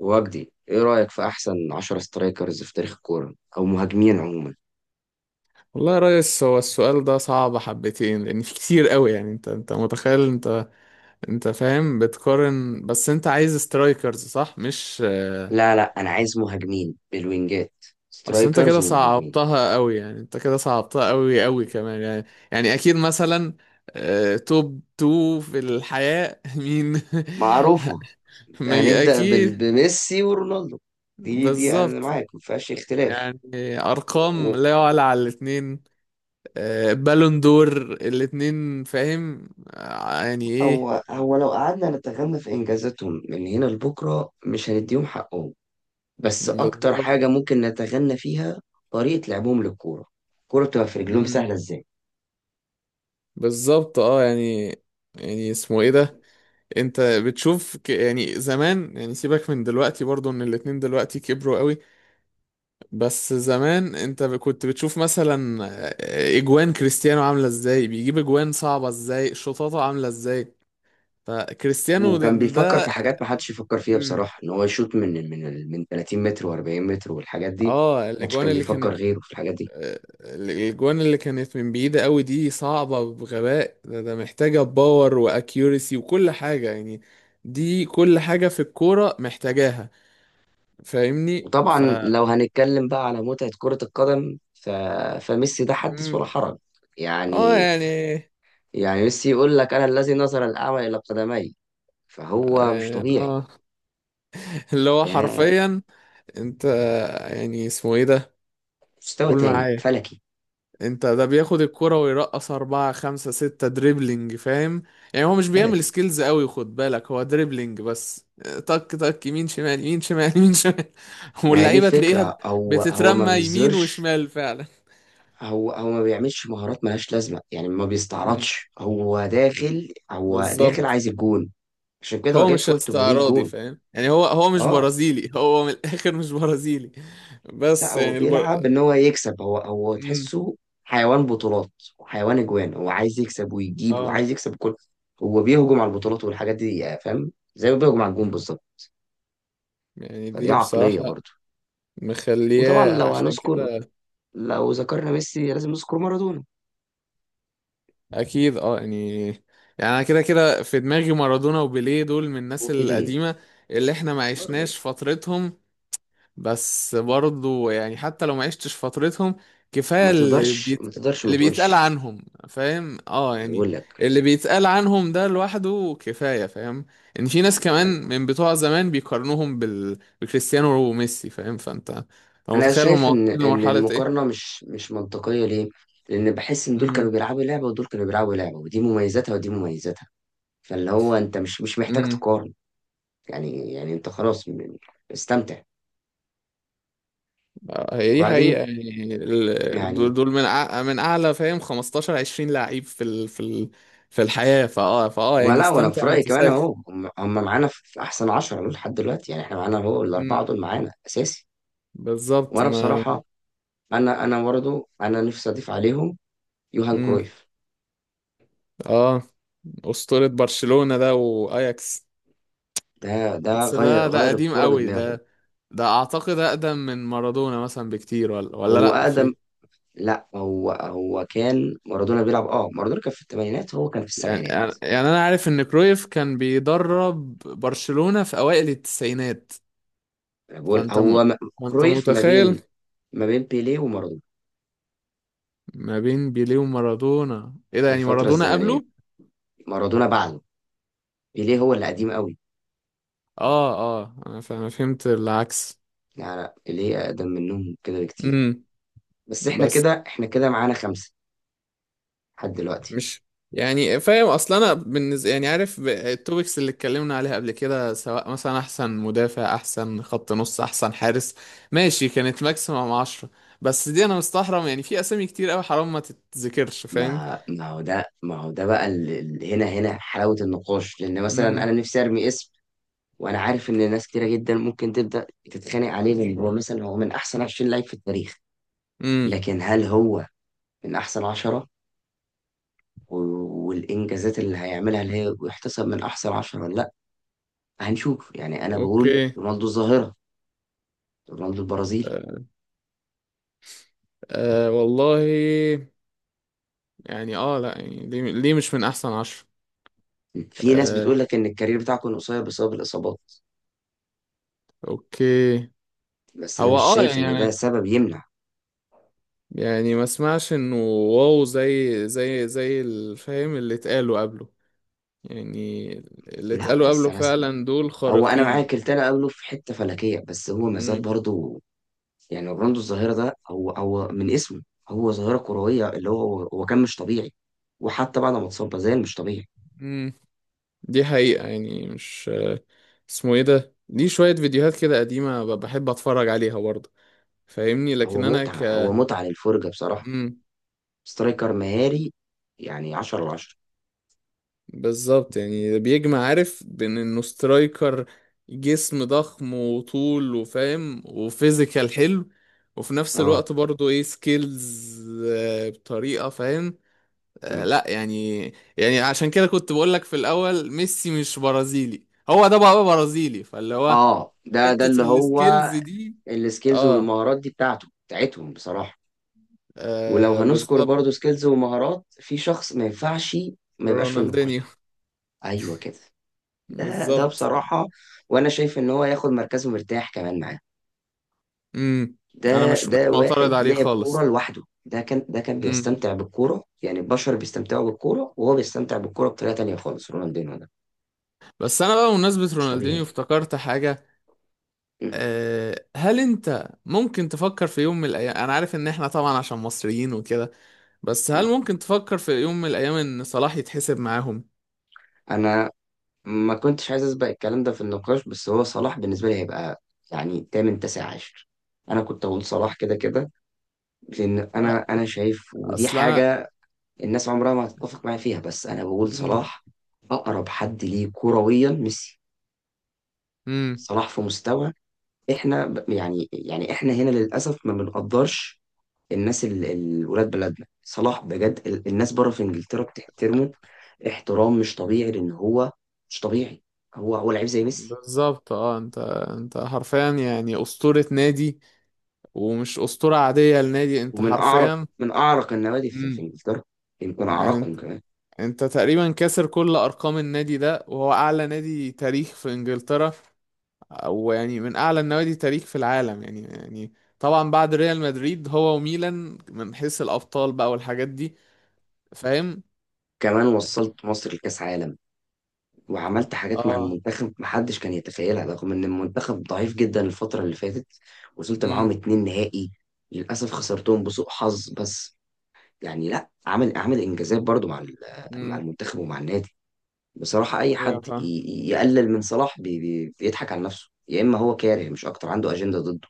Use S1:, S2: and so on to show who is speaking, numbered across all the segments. S1: وجدي، ايه رأيك في احسن 10 سترايكرز في تاريخ الكورة او مهاجمين عموما؟
S2: والله يا ريس، هو السؤال ده صعب حبتين، لان في كتير قوي. يعني انت متخيل، انت فاهم، بتقارن؟ بس انت عايز سترايكرز، صح مش
S1: لا انا عايز مهاجمين بالوينجات.
S2: اصل انت
S1: سترايكرز
S2: كده
S1: ومهاجمين
S2: صعبتها قوي، يعني انت كده صعبتها قوي قوي كمان. يعني يعني اكيد مثلا توب تو في الحياة، مين؟
S1: معروفة.
S2: ما ي-
S1: هنبدأ
S2: اكيد.
S1: بميسي ورونالدو. دي انا
S2: بالظبط،
S1: معاك، ما فيهاش اختلاف.
S2: يعني
S1: و-
S2: ارقام
S1: و-
S2: لا يعلى على الاتنين. بالون دور الاتنين، فاهم؟ يعني ايه.
S1: هو لو قعدنا نتغنى في انجازاتهم من هنا لبكرة مش هنديهم حقهم، بس اكتر
S2: بالظبط.
S1: حاجة ممكن نتغنى فيها طريقة لعبهم للكورة. الكورة بتبقى في رجلهم
S2: امم
S1: سهلة ازاي.
S2: بالظبط، اه يعني يعني اسمه ايه ده، انت بتشوف يعني زمان، يعني سيبك من دلوقتي، برضو ان الاتنين دلوقتي كبروا قوي. بس زمان انت كنت بتشوف مثلا اجوان كريستيانو عاملة ازاي، بيجيب اجوان صعبة ازاي، شطاطة عاملة ازاي. فكريستيانو ده,
S1: وكان بيفكر
S2: ده...
S1: في حاجات ما حدش يفكر فيها
S2: امم
S1: بصراحة، ان هو يشوط من من 30 متر و40 متر والحاجات دي.
S2: اه
S1: ما حدش
S2: الاجوان
S1: كان
S2: اللي كان،
S1: بيفكر غيره في الحاجات دي.
S2: الجوان اللي كانت من بعيدة قوي دي، صعبة بغباء. ده محتاجة باور واكيورسي وكل حاجة يعني. دي كل حاجة في الكورة محتاجاها، فاهمني.
S1: وطبعا لو هنتكلم بقى على متعة كرة القدم فميسي ده حدث ولا
S2: مم.
S1: حرج.
S2: اه
S1: يعني
S2: يعني
S1: يعني ميسي يقول لك انا الذي نظر الاعمى الى قدمي، فهو مش طبيعي.
S2: اه. اللي هو
S1: ده
S2: حرفيا، انت يعني اسمه ايه ده،
S1: مستوى
S2: قول
S1: تاني
S2: معايا،
S1: فلكي،
S2: انت ده بياخد الكرة ويرقص أربعة خمسة ستة دريبلينج فاهم. يعني هو مش بيعمل
S1: فلكي.
S2: سكيلز قوي، خد بالك، هو دريبلينج بس، تك تك، يمين شمال، يمين شمال، يمين شمال.
S1: ما هي دي
S2: واللعيبة تلاقيها
S1: الفكرة، هو ما
S2: بتترمى يمين
S1: بيظهرش.
S2: وشمال فعلا.
S1: هو ما بيعملش مهارات ملهاش لازمه، يعني ما
S2: امم
S1: بيستعرضش. هو داخل
S2: بالظبط،
S1: عايز الجون. عشان كده هو
S2: هو
S1: جايب
S2: مش
S1: فوق 800
S2: استعراضي،
S1: جون.
S2: فاهم يعني، هو مش
S1: اه،
S2: برازيلي. هو من الآخر مش برازيلي،
S1: لا
S2: بس
S1: هو
S2: يعني
S1: بيلعب ان هو يكسب. هو
S2: امم
S1: تحسه حيوان بطولات وحيوان اجوان. هو عايز يكسب ويجيب،
S2: اه
S1: وعايز يكسب كل. هو بيهجم على البطولات والحاجات دي، فاهم، زي ما بيهجم على الجون بالظبط.
S2: يعني
S1: فدي
S2: دي
S1: عقليه
S2: بصراحة
S1: برضه. وطبعا
S2: مخلياه،
S1: لو
S2: عشان
S1: هنذكر،
S2: كده.
S1: لو ذكرنا ميسي لازم نذكر مارادونا
S2: اكيد اه يعني، يعني انا كده كده في دماغي مارادونا وبيليه، دول من الناس
S1: وبيليه
S2: القديمه اللي احنا ما
S1: برضه.
S2: عشناش فترتهم. بس برضو يعني، حتى لو ما عشتش فترتهم، كفايه
S1: ما تقدرش، ما تقدرش ما
S2: اللي بيتقال
S1: تقولش.
S2: عنهم، فاهم اه
S1: أنا
S2: يعني،
S1: بقول
S2: اللي بيتقال عنهم ده لوحده كفايه فاهم. ان في ناس كمان
S1: لك
S2: من بتوع زمان بيقارنوهم بكريستيانو وميسي فاهم، فانت
S1: انا
S2: فمتخيل هم
S1: شايف
S2: واصلين
S1: ان ان
S2: لمرحله ايه.
S1: المقارنه مش منطقيه، ليه؟ لان بحس ان دول كانوا بيلعبوا لعبه ودول كانوا بيلعبوا لعبه، ودي مميزاتها ودي مميزاتها. فاللي هو انت مش محتاج
S2: امم
S1: تقارن. يعني انت خلاص، استمتع.
S2: هي دي حقيقة،
S1: وبعدين
S2: يعني دول
S1: يعني،
S2: دول من من أعلى فاهم 15 20 لعيب في في الحياة، فأه فأه يعني
S1: ولا وانا
S2: استمتع
S1: في رايي
S2: وأنت
S1: كمان
S2: ساكت.
S1: اهو، هم معانا في احسن 10 دول لحد دلوقتي. يعني احنا معانا اهو الاربعه
S2: امم
S1: دول معانا اساسي.
S2: بالظبط
S1: وانا
S2: ما.
S1: بصراحه، انا برضه انا نفسي اضيف عليهم يوهان
S2: امم
S1: كرويف.
S2: أه، أسطورة برشلونة ده وأياكس.
S1: ده
S2: بس
S1: غير،
S2: ده
S1: غير
S2: قديم
S1: الكوره
S2: قوي،
S1: بدماغه.
S2: ده ده أعتقد أقدم من مارادونا مثلا بكتير، ولا
S1: هو
S2: لأ،
S1: اقدم،
S2: في.
S1: لا هو كان مارادونا بيلعب. اه، مارادونا كان في الثمانينات، هو كان في
S2: يعني
S1: السبعينات.
S2: يعني يعني أنا عارف إن كرويف كان بيدرب برشلونة في أوائل التسعينات،
S1: أنا بقول
S2: فأنت م...
S1: هو،
S2: فأنت
S1: كرويف ما بين،
S2: متخيل،
S1: ما بين بيليه ومارادونا
S2: ما بين بيليه ومارادونا. ايه ده،
S1: في
S2: يعني
S1: الفترة
S2: مارادونا
S1: الزمنية.
S2: قبله؟
S1: مارادونا بعده، بيليه هو اللي قديم قوي.
S2: اه اه، أنا فهمت العكس.
S1: لا بيليه أقدم منهم كده بكتير.
S2: امم
S1: بس احنا
S2: بس
S1: كده، احنا كده معانا خمسة لحد دلوقتي.
S2: مش. يعني فاهم اصلا، انا بالنسبه، يعني عارف التوبكس اللي اتكلمنا عليها قبل كده، سواء مثلا احسن مدافع، احسن خط نص، احسن حارس، ماشي، كانت ماكسيمم 10. بس دي، انا مستحرم، يعني في اسامي كتير قوي حرام ما تتذكرش فاهم.
S1: ما هو ده، ما هو ده بقى هنا، هنا حلاوة النقاش، لأن مثلا أنا
S2: امم
S1: نفسي أرمي اسم. وأنا عارف إن ناس كتيرة جدا ممكن تبدأ تتخانق عليه، لأن هو مثلا هو من أحسن 20 لعيب في التاريخ،
S2: امم.
S1: لكن هل هو من أحسن عشرة؟ والإنجازات اللي هيعملها اللي هي، ويحتسب من أحسن عشرة ولا لأ؟ هنشوف. يعني أنا بقول
S2: اوكي.
S1: رونالدو الظاهرة، رونالدو البرازيلي.
S2: آه. والله، يعني اه لا يعني، ليه مش من احسن 10؟
S1: في ناس بتقول لك إن الكارير بتاعه كان قصير بسبب الإصابات،
S2: اوكي،
S1: بس أنا
S2: هو
S1: مش
S2: اه
S1: شايف إن
S2: يعني،
S1: ده سبب يمنع.
S2: يعني ما اسمعش انه واو، زي الفاهم اللي اتقالوا قبله، يعني اللي
S1: لأ،
S2: اتقالوا
S1: بس
S2: قبله
S1: أنا اسمه،
S2: فعلا دول
S1: هو أنا معاك
S2: خارقين.
S1: التاني قبله في حتة فلكية، بس هو مازال
S2: امم
S1: برضه. يعني رونالدو الظاهرة ده، هو هو من اسمه، هو ظاهرة كروية. اللي هو كان مش طبيعي، وحتى بعد ما اتصاب ما زال مش طبيعي.
S2: امم. دي حقيقة يعني، مش اسمه ايه ده، دي شوية فيديوهات كده قديمة بحب اتفرج عليها برضه فاهمني،
S1: هو
S2: لكن انا ك.
S1: متعة، هو متعة للفرجة بصراحة.
S2: مم.
S1: سترايكر مهاري، يعني 10 على 10.
S2: بالظبط، يعني ده بيجمع عارف بين انه سترايكر، جسم ضخم وطول وفاهم وفيزيكال حلو، وفي نفس
S1: اه،
S2: الوقت برضه ايه، سكيلز بطريقة، فاهم
S1: تمام.
S2: لا يعني، يعني عشان كده كنت بقولك في الاول، ميسي مش برازيلي، هو ده بقى برازيلي، فاللي هو
S1: اه، ده
S2: حتة
S1: اللي هو
S2: السكيلز دي.
S1: السكيلز
S2: اه,
S1: والمهارات دي بتاعته، بتاعتهم بصراحة. ولو
S2: آه
S1: هنذكر
S2: بالظبط.
S1: برضو سكيلز ومهارات في شخص ما ينفعش ما يبقاش في
S2: رونالدينيو،
S1: النقاش. ايوه كده. ده
S2: بالظبط.
S1: بصراحة. وانا شايف ان هو ياخد مركزه مرتاح كمان معاه.
S2: امم
S1: ده
S2: انا مش
S1: ده واحد
S2: معترض عليه
S1: لعب كورة
S2: خالص.
S1: لوحده. ده كان
S2: امم.
S1: بيستمتع بالكورة، يعني البشر بيستمتعوا بالكورة وهو بيستمتع بالكورة بطريقة تانية خالص، رونالدينو ده
S2: بس انا بقى بمناسبة
S1: مش
S2: رونالدينيو
S1: طبيعي.
S2: افتكرت حاجة.
S1: م-
S2: أه، هل انت ممكن تفكر في يوم من الايام، انا عارف ان احنا طبعا عشان مصريين وكده، بس هل
S1: م.
S2: ممكن تفكر في يوم من الايام ان صلاح يتحسب معاهم؟
S1: انا ما كنتش عايز اسبق الكلام ده في النقاش، بس هو صلاح بالنسبه لي هيبقى يعني تامن، تاسع عشر. انا كنت اقول صلاح كده كده، لان انا
S2: لا،
S1: انا شايف ودي
S2: اصل انا.
S1: حاجه الناس عمرها ما هتتفق معايا فيها، بس انا بقول
S2: امم
S1: صلاح اقرب حد ليه كرويا ميسي.
S2: امم.
S1: صلاح في مستوى، احنا يعني، يعني احنا هنا للاسف ما بنقدرش. الناس ولاد بلدنا، صلاح بجد الناس بره في انجلترا بتحترمه احترام مش طبيعي، لان هو مش طبيعي. هو لعيب زي ميسي،
S2: بالظبط، اه انت حرفيا يعني اسطورة نادي، ومش اسطورة عادية لنادي، انت
S1: ومن اعرق،
S2: حرفيا.
S1: من اعرق النوادي في، في
S2: امم
S1: انجلترا، يمكن
S2: يعني
S1: اعرقهم
S2: انت
S1: كمان.
S2: انت تقريبا كاسر كل ارقام النادي ده، وهو اعلى نادي تاريخ في انجلترا، ويعني من اعلى النوادي تاريخ في العالم، يعني يعني طبعا بعد ريال مدريد، هو وميلان، من حيث الابطال بقى والحاجات دي، فاهم.
S1: كمان وصلت مصر لكاس عالم، وعملت حاجات مع
S2: اه.
S1: المنتخب محدش كان يتخيلها، رغم ان المنتخب ضعيف جدا الفتره اللي فاتت. وصلت معاهم
S2: امم
S1: اتنين نهائي، للاسف خسرتهم بسوء حظ بس. يعني لا، عامل، عامل انجازات برضو مع مع
S2: امم.
S1: المنتخب ومع النادي. بصراحه اي
S2: ايوه
S1: حد
S2: فاهم،
S1: يقلل من صلاح بي بيضحك على نفسه، يا اما هو كاره مش اكتر، عنده اجنده ضد.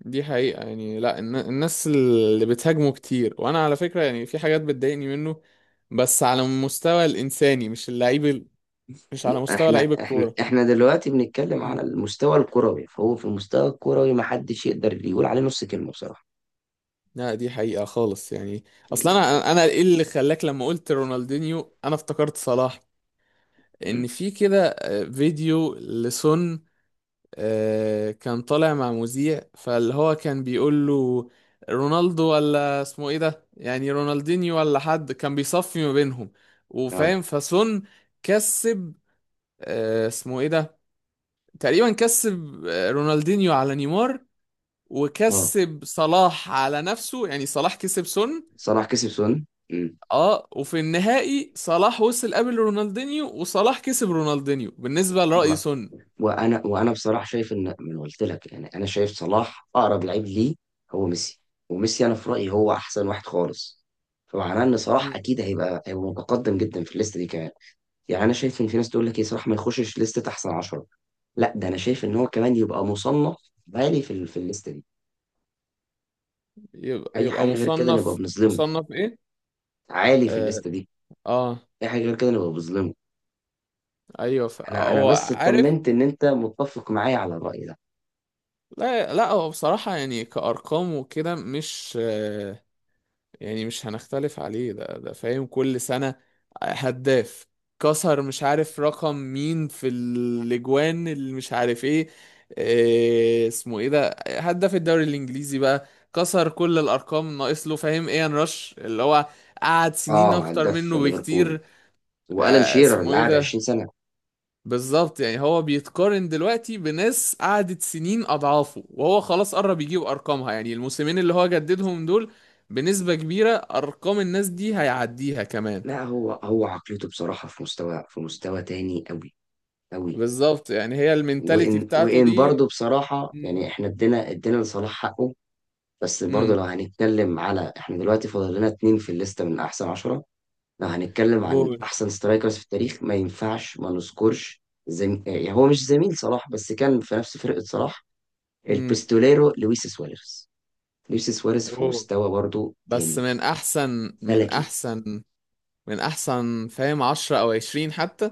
S2: دي حقيقة يعني. لا الناس اللي بتهاجمه كتير، وانا على فكرة يعني في حاجات بتضايقني منه، بس على المستوى الانساني، مش اللعيب مش على
S1: لا،
S2: مستوى
S1: احنا
S2: لعيب
S1: احنا
S2: الكورة.
S1: احنا دلوقتي بنتكلم
S2: امم
S1: على المستوى الكروي، فهو في المستوى الكروي ما حدش يقدر يقول عليه نص كلمة بصراحة.
S2: لا دي حقيقة خالص يعني. اصلا
S1: يعني-
S2: انا ايه اللي خلاك لما قلت رونالدينيو انا افتكرت صلاح؟
S1: مم.
S2: ان في كده فيديو لسون، كان طالع مع مذيع فاللي هو كان بيقول له رونالدو ولا اسمه ايه ده، يعني رونالدينيو، ولا حد، كان بيصفي ما بينهم،
S1: اه،
S2: وفاهم، فسون كسب اسمه ايه ده، تقريبا كسب رونالدينيو على نيمار،
S1: اه
S2: وكسب صلاح على نفسه، يعني صلاح كسب سون.
S1: صلاح كسب سن. مم.
S2: اه، وفي النهائي صلاح وصل قبل رونالدينيو، وصلاح كسب رونالدينيو بالنسبة
S1: و...
S2: لرأي سون.
S1: وانا بصراحة شايف ان، ما أنا قلت لك، يعني انا شايف صلاح اقرب لعيب ليه هو ميسي. وميسي انا في رأيي هو احسن واحد خالص، فمعناه ان صلاح اكيد هيبقى متقدم جدا في الليسته دي كمان. يعني انا شايف ان في ناس تقول لك ايه، صلاح ما يخشش لستة احسن 10؟ لا، ده انا شايف ان هو كمان يبقى مصنف عالي في في الليسته دي.
S2: يبقى
S1: اي
S2: يبقى
S1: حاجه غير كده نبقى
S2: مصنف
S1: بنظلمه.
S2: مصنف ايه.
S1: عالي في
S2: اه,
S1: الليسته دي،
S2: آه.
S1: اي حاجه غير كده نبقى بنظلمه.
S2: ايوه ف،
S1: انا
S2: هو
S1: بس
S2: عارف.
S1: اطمنت ان انت متفق معايا على الراي ده.
S2: لا لا، هو بصراحة يعني كأرقام وكده، مش يعني، مش هنختلف عليه ده فاهم. كل سنة هداف، كسر مش عارف رقم مين في الاجوان اللي مش عارف ايه، آه اسمه ايه ده، هداف الدوري الانجليزي بقى، كسر كل الارقام، ناقص له فاهم ايان رش اللي هو قعد سنين
S1: اه،
S2: اكتر
S1: هداف
S2: منه
S1: ليفربول
S2: بكتير.
S1: والان
S2: آه
S1: شيرر
S2: اسمه
S1: اللي
S2: ايه
S1: قعد 20
S2: ده،
S1: سنه.
S2: بالظبط، يعني هو بيتقارن دلوقتي بناس قعدت سنين اضعافه، وهو خلاص قرب يجيب ارقامها، يعني الموسمين اللي هو جددهم دول، بنسبة كبيرة ارقام الناس دي هيعديها كمان.
S1: لا هو عقليته بصراحه في مستوى، في مستوى تاني قوي، قوي.
S2: بالظبط، يعني هي المينتاليتي
S1: وان
S2: بتاعته
S1: وان
S2: دي.
S1: برضه بصراحه
S2: امم
S1: يعني احنا ادينا، ادينا لصلاح حقه، بس برضه
S2: امم.
S1: لو هنتكلم على، احنا دلوقتي فاضل لنا اتنين في الليسته من احسن عشرة. لو هنتكلم عن
S2: قول.
S1: احسن سترايكرز في التاريخ ما ينفعش ما نذكرش يعني هو مش زميل صلاح بس كان في نفس فرقه صلاح،
S2: امم
S1: البستوليرو لويس سواريز. لويس سواريز في
S2: قول.
S1: مستوى برضه
S2: بس
S1: تاني،
S2: من احسن من
S1: فلكي.
S2: احسن من احسن فاهم 10 او 20 حتى.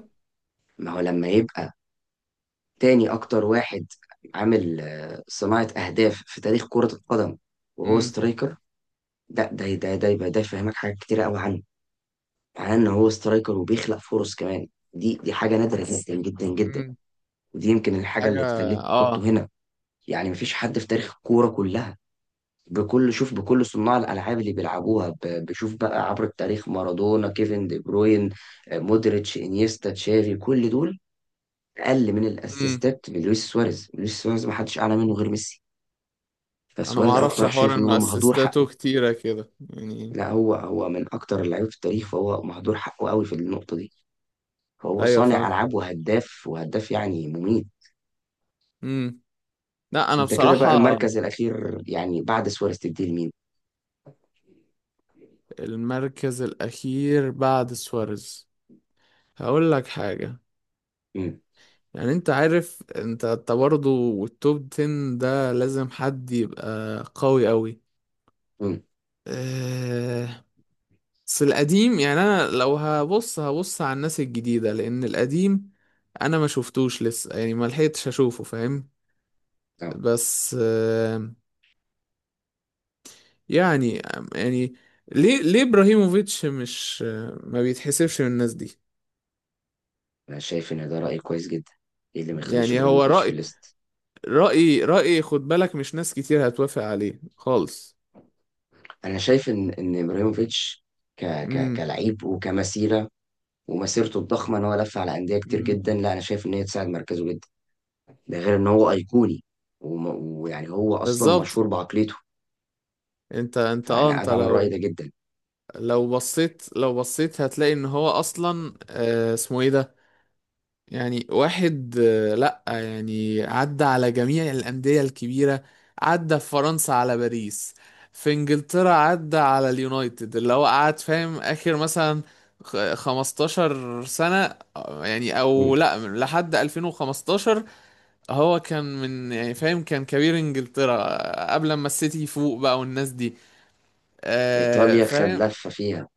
S1: ما هو لما يبقى تاني اكتر واحد عامل صناعه اهداف في تاريخ كره القدم وهو
S2: امم
S1: سترايكر، ده يبقى ده يفهمك حاجات كتير قوي عنه. مع ان هو سترايكر وبيخلق فرص كمان، دي حاجه نادره جدا جدا جدا.
S2: امم.
S1: ودي يمكن الحاجه
S2: حاجة.
S1: اللي تخليك تحطه
S2: اه.
S1: هنا. يعني مفيش حد في تاريخ الكوره كلها، بكل شوف، بكل صناع الالعاب اللي بيلعبوها بشوف بقى عبر التاريخ، مارادونا، كيفن دي بروين، مودريتش، انيستا، تشافي، كل دول اقل من
S2: امم
S1: الاسيستات من لويس سواريز. لويس سواريز ما حدش اعلى منه غير ميسي.
S2: انا ما
S1: فسواريز انا
S2: اعرفش
S1: بصراحه
S2: حوار
S1: شايف ان هو
S2: انه
S1: مهدور حقه.
S2: اسيستاته كتيرة كده يعني.
S1: لا هو من اكتر اللعيبه في التاريخ، فهو مهدور حقه قوي في النقطه دي. هو
S2: ايوه
S1: صانع
S2: فاهم.
S1: ألعاب وهداف، وهداف يعني مميت.
S2: امم لا انا
S1: أنت كده بقى
S2: بصراحة.
S1: المركز الأخير يعني بعد سواريز تديه لمين؟
S2: المركز الاخير بعد سواريز، هقول لك حاجة.
S1: امم،
S2: يعني انت عارف، انت برضه التوب 10 ده لازم حد يبقى قوي قوي.
S1: امم.
S2: أه، بس القديم يعني، انا لو هبص، على الناس الجديدة، لان القديم انا ما شفتوش لسه، يعني ما لحقتش اشوفه فاهم.
S1: اه،
S2: بس أه، يعني يعني ليه ابراهيموفيتش مش، ما بيتحسبش من الناس دي؟
S1: انا شايف ان ده راي كويس جدا. ايه اللي ما يخليش
S2: يعني هو
S1: ابراهيموفيتش في
S2: رأي،
S1: الليست؟
S2: رأي خد بالك، مش ناس كتير هتوافق عليه خالص.
S1: انا شايف ان ان ابراهيموفيتش ك
S2: امم
S1: كلعيب وكمسيره، ومسيرته الضخمه ان هو لف على انديه كتير
S2: امم.
S1: جدا، لا انا شايف ان هي تساعد مركزه جدا. ده غير ان هو ايقوني، ويعني هو اصلا
S2: بالظبط،
S1: مشهور بعقليته.
S2: انت اه
S1: فانا
S2: انت
S1: ادعم الراي
S2: لو،
S1: ده جدا.
S2: لو بصيت هتلاقي ان هو اصلا آه اسمه ايه ده، يعني واحد لا يعني، عدى على جميع الأندية الكبيرة، عدى في فرنسا على باريس، في انجلترا عدى على اليونايتد اللي هو قعد فاهم اخر مثلا 15 سنة يعني، او
S1: امم،
S2: لا لحد 2015. هو كان من، يعني فاهم كان كبير انجلترا، قبل ما السيتي يفوق بقى والناس دي،
S1: ايطاليا خد
S2: فاهم.
S1: لفه فيها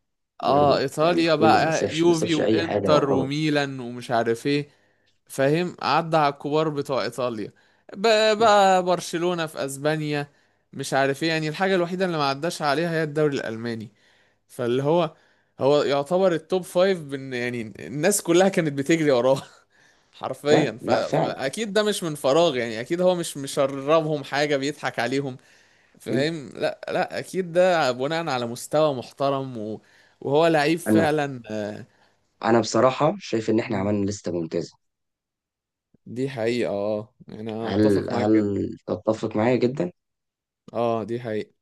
S2: اه
S1: برضه. يعني في
S2: ايطاليا
S1: كله ما
S2: بقى،
S1: سابش، ما
S2: يوفي
S1: سابش اي حاجه
S2: وانتر
S1: يعتبر.
S2: وميلان ومش عارف ايه، فاهم، عدى على الكبار بتوع ايطاليا، بقى برشلونة في اسبانيا، مش عارف ايه، يعني الحاجة الوحيدة اللي ما عداش عليها هي الدوري الالماني، فاللي هو يعتبر التوب فايف بن، يعني الناس كلها كانت بتجري وراه. حرفيا،
S1: فعلا،
S2: ف،
S1: لا فعلا.
S2: فاكيد ده مش من فراغ، يعني اكيد هو مش مشربهم حاجة بيضحك عليهم،
S1: م.
S2: فاهم. لا لا اكيد، ده بناء على مستوى محترم، و، وهو لعيب
S1: انا
S2: فعلا
S1: انا بصراحه شايف ان احنا
S2: مم.
S1: عملنا لسته ممتازه.
S2: دي حقيقة، اه يعني انا
S1: هل،
S2: اتفق معاك
S1: هل
S2: جدا.
S1: تتفق معايا جدا؟
S2: اه دي حقيقة.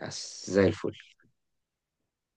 S1: بس زي الفل.